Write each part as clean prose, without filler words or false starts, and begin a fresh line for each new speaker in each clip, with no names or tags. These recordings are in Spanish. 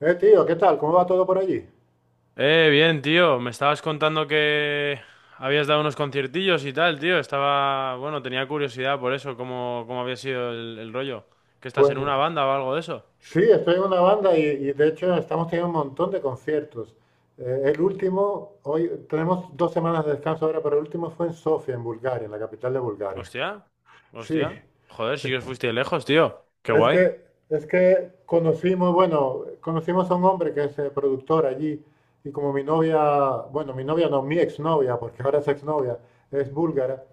Tío, ¿qué tal? ¿Cómo va todo por allí?
Bien, tío. Me estabas contando que habías dado unos conciertillos y tal, tío. Estaba, tenía curiosidad por eso, cómo había sido el rollo. ¿Que estás
Pues
en una banda o algo de eso?
sí, estoy en una banda y de hecho estamos teniendo un montón de conciertos. Hoy tenemos 2 semanas de descanso ahora, pero el último fue en Sofía, en Bulgaria, en la capital de Bulgaria.
Hostia,
Sí,
hostia. Joder,
sí.
sí que os fuiste lejos, tío. Qué
Es
guay.
que, es que conocimos, bueno, conocimos a un hombre que es productor allí y como mi novia, bueno, mi novia no, mi exnovia, porque ahora es exnovia, es búlgara.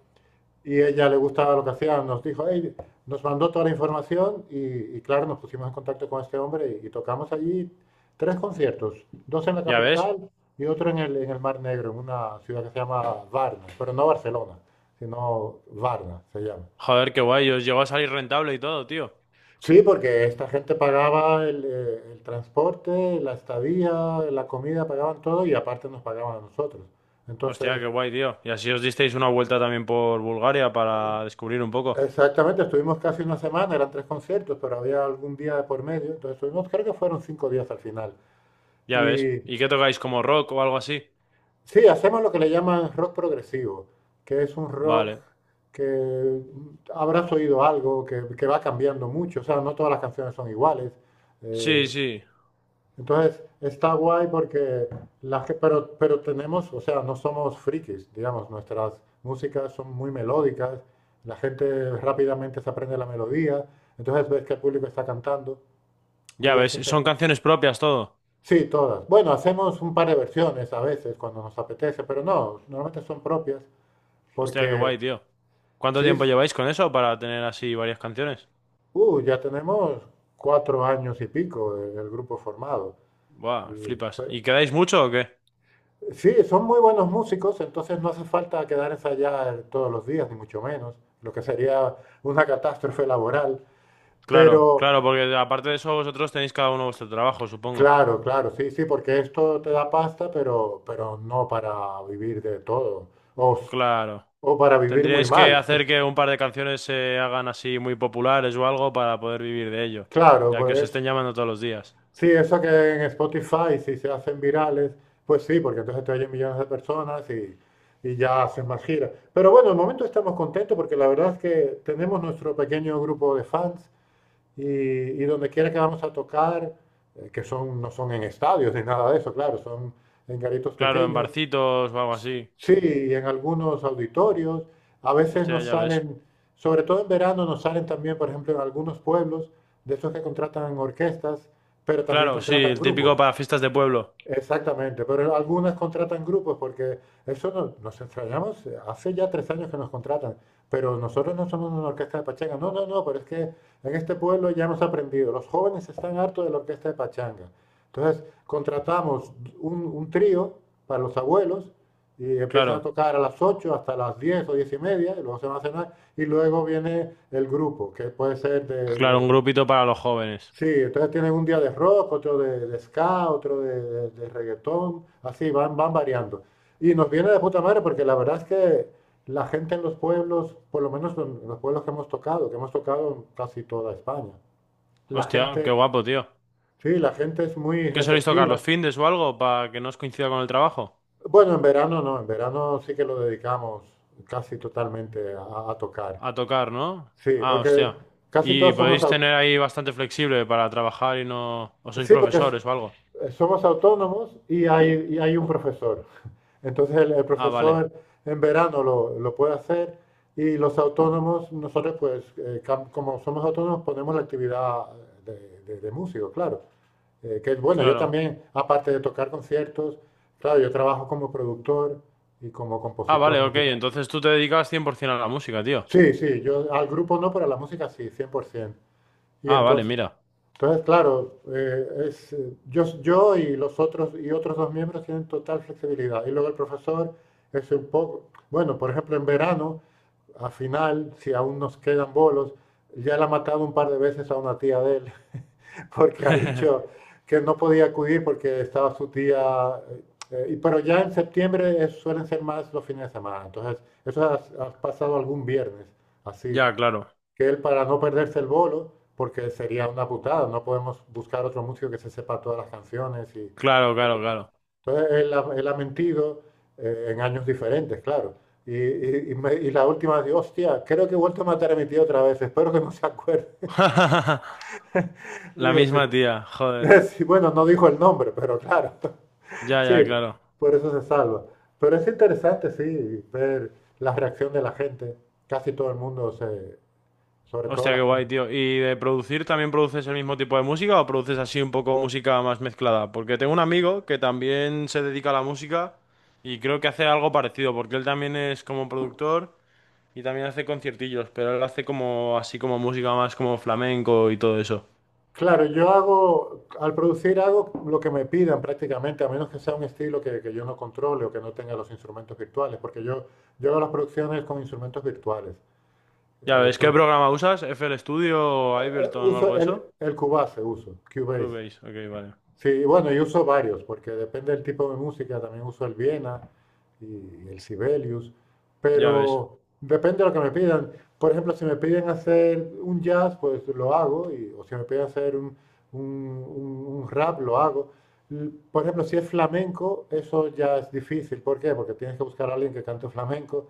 Y ella le gustaba lo que hacía, nos dijo, "Ey", nos mandó toda la información y claro, nos pusimos en contacto con este hombre y tocamos allí tres conciertos, dos en la
Ya ves.
capital y otro en en el Mar Negro, en una ciudad que se llama Varna, pero no Barcelona, sino Varna se llama.
Joder, qué guay. Os llegó a salir rentable y todo, tío.
Sí, porque esta gente pagaba el transporte, la estadía, la comida, pagaban todo y aparte nos pagaban a nosotros.
Hostia,
Entonces,
qué guay, tío. Y así os disteis una vuelta también por Bulgaria para descubrir un poco.
exactamente, estuvimos casi una semana, eran tres conciertos, pero había algún día de por medio, entonces estuvimos, creo que fueron 5 días al final.
Ya ves.
Y
¿Y qué tocáis, como rock o algo así?
sí, hacemos lo que le llaman rock progresivo, que es un rock
Vale.
que habrás oído algo, que va cambiando mucho, o sea, no todas las canciones son iguales.
Sí,
Eh,
sí.
Entonces, está guay porque pero tenemos, o sea, no somos frikis, digamos, nuestras músicas son muy melódicas, la gente rápidamente se aprende la melodía, entonces ves que el público está cantando
Ya
y es
ves. Son
interesante.
canciones propias todo.
Sí, todas. Bueno, hacemos un par de versiones a veces cuando nos apetece, pero no, normalmente son propias
Hostia, qué
porque,
guay, tío. ¿Cuánto
sí,
tiempo
sí.
lleváis con eso para tener así varias canciones?
Ya tenemos 4 años y pico el grupo formado.
Buah,
Y,
flipas.
pe-
¿Y quedáis mucho o qué?
Sí, son muy buenos músicos, entonces no hace falta quedar ensayar todos los días, ni mucho menos, lo que sería una catástrofe laboral.
Claro,
Pero
claro, porque aparte de eso vosotros tenéis cada uno vuestro trabajo, supongo.
claro, claro, sí, sí, porque esto te da pasta, pero no para vivir de todo, o, s-
Claro.
o para vivir muy
Tendríais que
mal.
hacer que un par de canciones se hagan así muy populares o algo para poder vivir de ello,
Claro,
ya que os
pues
estén llamando todos los días.
sí, eso que en Spotify, si se hacen virales, pues sí, porque entonces te oyen millones de personas y ya haces más giras. Pero bueno, de momento estamos contentos porque la verdad es que tenemos nuestro pequeño grupo de fans. Y donde quiera que vamos a tocar, que son, no son en estadios ni nada de eso, claro, son en garitos
Claro, en
pequeños,
barcitos o algo así.
sí, y en algunos auditorios. A veces
Hostia,
nos
ya ves.
salen, sobre todo en verano, nos salen también, por ejemplo, en algunos pueblos, de esos que contratan orquestas, pero también
Claro, sí,
contratan
el típico
grupos.
para fiestas de pueblo.
Exactamente, pero algunas contratan grupos porque eso no- nos extrañamos, hace ya 3 años que nos contratan, pero nosotros no somos una orquesta de pachanga, no, no, no, pero es que en este pueblo ya hemos aprendido, los jóvenes están hartos de la orquesta de pachanga. Entonces contratamos un trío para los abuelos y empiezan a
Claro,
tocar a las 8 hasta las 10 o 10 y media, y luego se van a cenar, y luego viene el grupo, que puede ser de,
claro, un
de
grupito para los jóvenes.
Sí, entonces tienen un día de rock, otro de ska, otro de reggaetón, así van variando. Y nos viene de puta madre porque la verdad es que la gente en los pueblos, por lo menos en los pueblos que hemos tocado en casi toda España, la
Hostia, qué
gente,
guapo, tío.
sí, la gente es muy
¿Qué soléis tocar? ¿Los
receptiva.
findes o algo? Para que no os coincida con el trabajo.
Bueno, en verano no, en verano sí que lo dedicamos casi totalmente a tocar.
A tocar, ¿no?
Sí,
Ah,
porque
hostia.
casi
Y
todos somos
podéis
aut-
tener ahí bastante flexible para trabajar y no... ¿O sois
Sí, porque
profesores o algo?
somos autónomos y hay un profesor. Entonces el
Ah, vale.
profesor en verano lo puede hacer y los autónomos, nosotros pues como somos autónomos ponemos la actividad de músico, claro. Que es bueno, yo
Claro.
también, aparte de tocar conciertos, claro, yo trabajo como productor y como
Ah, vale,
compositor
ok.
musical.
Entonces tú te dedicas 100% a la música, tío.
Sí, sí, yo al grupo no, pero a la música sí, 100%. Y
Ah, vale,
entonces...
mira.
Entonces, claro, yo y los otros y otros dos miembros tienen total flexibilidad. Y luego el profesor es un poco, bueno, por ejemplo, en verano, a final, si aún nos quedan bolos, ya le ha matado un par de veces a una tía de él, porque ha dicho que no podía acudir porque estaba su tía. Pero ya en septiembre suelen ser más los fines de semana. Entonces, eso ha pasado algún viernes, así
Ya, claro.
que él para no perderse el bolo, porque sería una putada, no podemos buscar otro músico que se sepa todas las canciones. Y...
Claro, claro, claro.
Entonces él ha mentido en años diferentes, claro. Y la última, digo, hostia, creo que he vuelto a matar a mi tío otra vez, espero que no se acuerde.
La
Digo, sí.
misma tía, joder.
Sí, bueno, no dijo el nombre, pero claro,
Ya,
sí,
ya, claro.
por eso se salva. Pero es interesante, sí, ver la reacción de la gente. Casi todo el mundo se, sobre todo
Hostia,
la
qué
gente.
guay, tío. ¿Y de producir también produces el mismo tipo de música o produces así un poco música más mezclada? Porque tengo un amigo que también se dedica a la música y creo que hace algo parecido, porque él también es como productor y también hace conciertillos, pero él hace como así como música más como flamenco y todo eso.
Claro, yo hago, al producir hago lo que me pidan prácticamente, a menos que sea un estilo que yo no controle o que no tenga los instrumentos virtuales, porque yo hago las producciones con instrumentos virtuales.
Ya ves, ¿qué
Entonces,
programa usas? ¿FL Studio o Ableton o
uso
algo de
el,
eso?
el Cubase, uso, Cubase.
Cubase, ok, vale.
Sí, bueno, yo uso varios, porque depende del tipo de música, también uso el Viena y el Sibelius,
Ya ves.
pero depende de lo que me pidan. Por ejemplo, si me piden hacer un jazz, pues lo hago, o si me piden hacer un rap, lo hago. Por ejemplo, si es flamenco, eso ya es difícil. ¿Por qué? Porque tienes que buscar a alguien que cante flamenco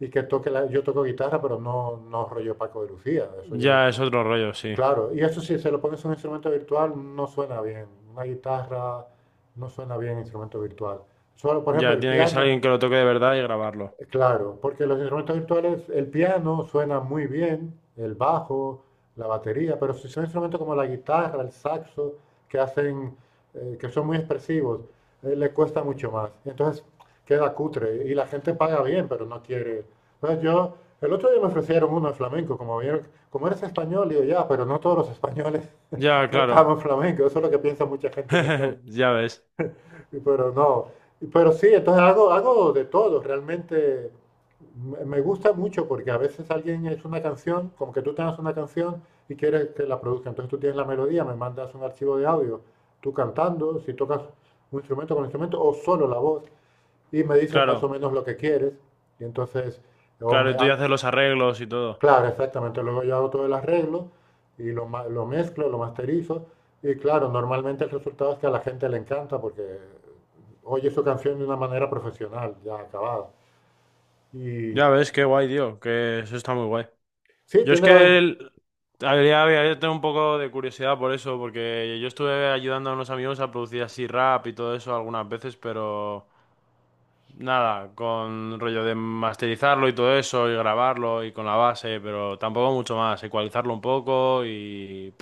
y que toque la... Yo toco guitarra, pero no, no rollo Paco de Lucía. Eso yo.
Ya es otro rollo, sí.
Claro, y eso sí, se lo pones a un instrumento virtual, no suena bien. Una guitarra no suena bien instrumento virtual. Solo, por ejemplo,
Ya,
el
tiene que ser
piano,
alguien que lo toque de verdad y grabarlo.
claro, porque los instrumentos virtuales, el piano suena muy bien, el bajo, la batería, pero si son instrumentos como la guitarra, el saxo, que hacen, que son muy expresivos, le cuesta mucho más. Entonces queda cutre y la gente paga bien, pero no quiere. Entonces yo, el otro día me ofrecieron uno de flamenco, como vieron, como eres español, digo ya, pero no todos los españoles.
Ya, claro.
Cantamos flamenco, eso es lo que piensa mucha gente en Estados
Ya ves.
Unidos, pero no. Pero sí, entonces hago de todo, realmente me gusta mucho porque a veces alguien es una canción, como que tú tengas una canción y quieres que la produzca, entonces tú tienes la melodía, me mandas un archivo de audio, tú cantando, si tocas un instrumento con instrumento o solo la voz y me dices más o
Claro.
menos lo que quieres y entonces o
Claro,
me-
y tú ya
al-
haces los arreglos y todo.
Claro, exactamente. Luego yo hago todo el arreglo y lo mezclo, lo masterizo. Y claro, normalmente el resultado es que a la gente le encanta porque oye su canción de una manera profesional, ya acabada. Y
Ya ves, qué guay, tío, que eso está muy guay.
sí,
Yo es
tiene la
que
ventaja.
el- habría tenido un poco de curiosidad por eso, porque yo estuve ayudando a unos amigos a producir así rap y todo eso algunas veces, pero nada, con rollo de masterizarlo y todo eso, y grabarlo y con la base, pero tampoco mucho más, ecualizarlo un poco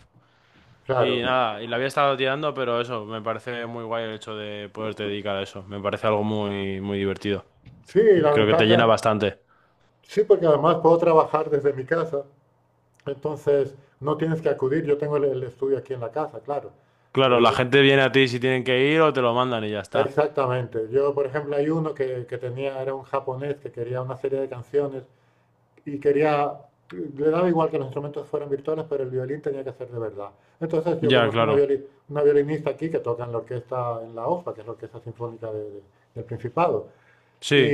y
Claro,
nada, y la había estado tirando, pero eso, me parece muy guay el hecho de poderte dedicar a eso, me parece algo muy divertido.
sí, la
Creo que te llena
ventaja.
bastante.
Sí, porque además puedo trabajar desde mi casa. Entonces no tienes que acudir. Yo tengo el estudio aquí en la casa, claro. Eh,
Claro, la
o-
gente viene a ti si tienen que ir o te lo mandan y ya está.
exactamente. Yo, por ejemplo, hay uno que tenía, era un japonés que quería una serie de canciones. Y quería, le daba igual que los instrumentos fueran virtuales, pero el violín tenía que ser de verdad. Entonces yo
Ya,
conozco una,
claro.
violi- una violinista aquí que toca en la orquesta, en la OFA, que es la Orquesta Sinfónica del Principado. Y,
Sí,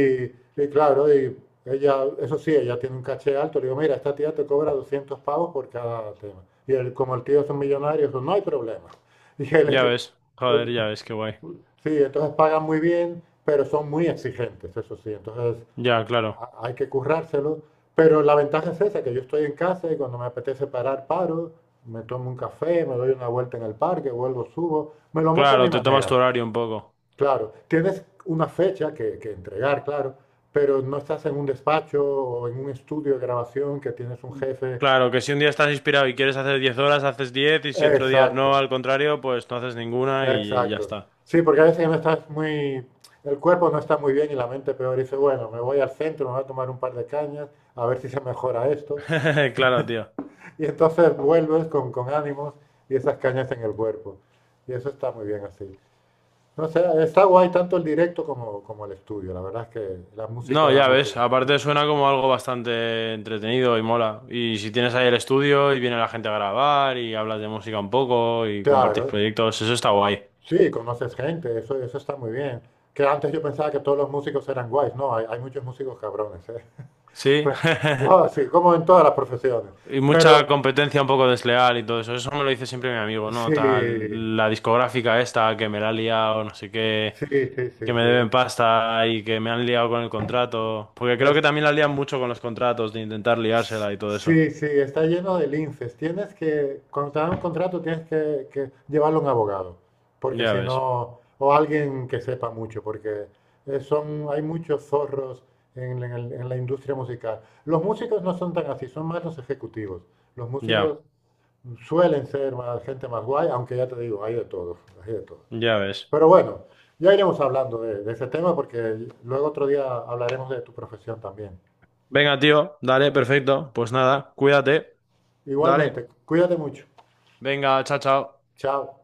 y claro, y ella, eso sí, ella tiene un caché alto. Le digo, mira, esta tía te cobra 200 pavos por cada tema. Y él, como el tío es un millonario, dijo, no hay problema. Y
ya
él,
ves. Joder, ya ves, qué guay.
sí, entonces pagan muy bien, pero son muy exigentes, eso sí. Entonces
Ya, claro.
hay que currárselo, pero la ventaja es esa, que yo estoy en casa y cuando me apetece parar, paro, me tomo un café, me doy una vuelta en el parque, vuelvo, subo, me lo monto a mi
Claro, te tomas tu
manera.
horario un poco.
Claro, tienes una fecha que entregar, claro, pero no estás en un despacho o en un estudio de grabación que tienes un jefe.
Claro, que si un día estás inspirado y quieres hacer 10 horas, haces 10 y si otro día
Exacto,
no, al contrario, pues no haces ninguna y ya
exacto.
está.
Sí, porque a veces no estás muy, el cuerpo no está muy bien y la mente peor. Y dice, bueno, me voy al centro, me voy a tomar un par de cañas, a ver si se mejora esto.
Claro, tío.
Y entonces vuelves con ánimos y esas cañas en el cuerpo. Y eso está muy bien así. No sé, está guay tanto el directo como el estudio. La verdad es que la música
No,
da
ya
mucho.
ves, aparte suena como algo bastante entretenido y mola. Y si tienes ahí el estudio y viene la gente a grabar y hablas de música un poco y compartís
Claro,
proyectos, eso está guay.
sí, conoces gente, eso está muy bien. Que antes yo pensaba que todos los músicos eran guays. No, hay muchos músicos cabrones, ¿eh?
Sí.
Pero, wow, sí, como en todas las profesiones.
Y mucha
Pero
competencia un poco desleal y todo eso. Eso me lo dice siempre mi amigo,
sí,
¿no? Tal, la discográfica esta que me la ha liado, no sé qué,
sí, sí,
que
sí,
me
sí.
deben pasta y que me han liado con el contrato. Porque creo que
Es,
también la lían mucho con los contratos, de intentar liársela y todo eso.
Sí, sí, está lleno de linces. Tienes que, cuando te dan un contrato, tienes que llevarlo a un abogado, porque
Ya
si
ves,
no, o alguien que sepa mucho, porque hay muchos zorros en la industria musical. Los músicos no son tan así, son más los ejecutivos. Los músicos
ya,
suelen ser más, gente más guay, aunque ya te digo, hay de todo, hay de todo.
ya ves.
Pero bueno, ya iremos hablando de ese tema, porque luego otro día hablaremos de tu profesión también.
Venga, tío, dale, perfecto. Pues nada, cuídate,
Igualmente,
dale.
cuídate mucho.
Venga, chao, chao.
Chao.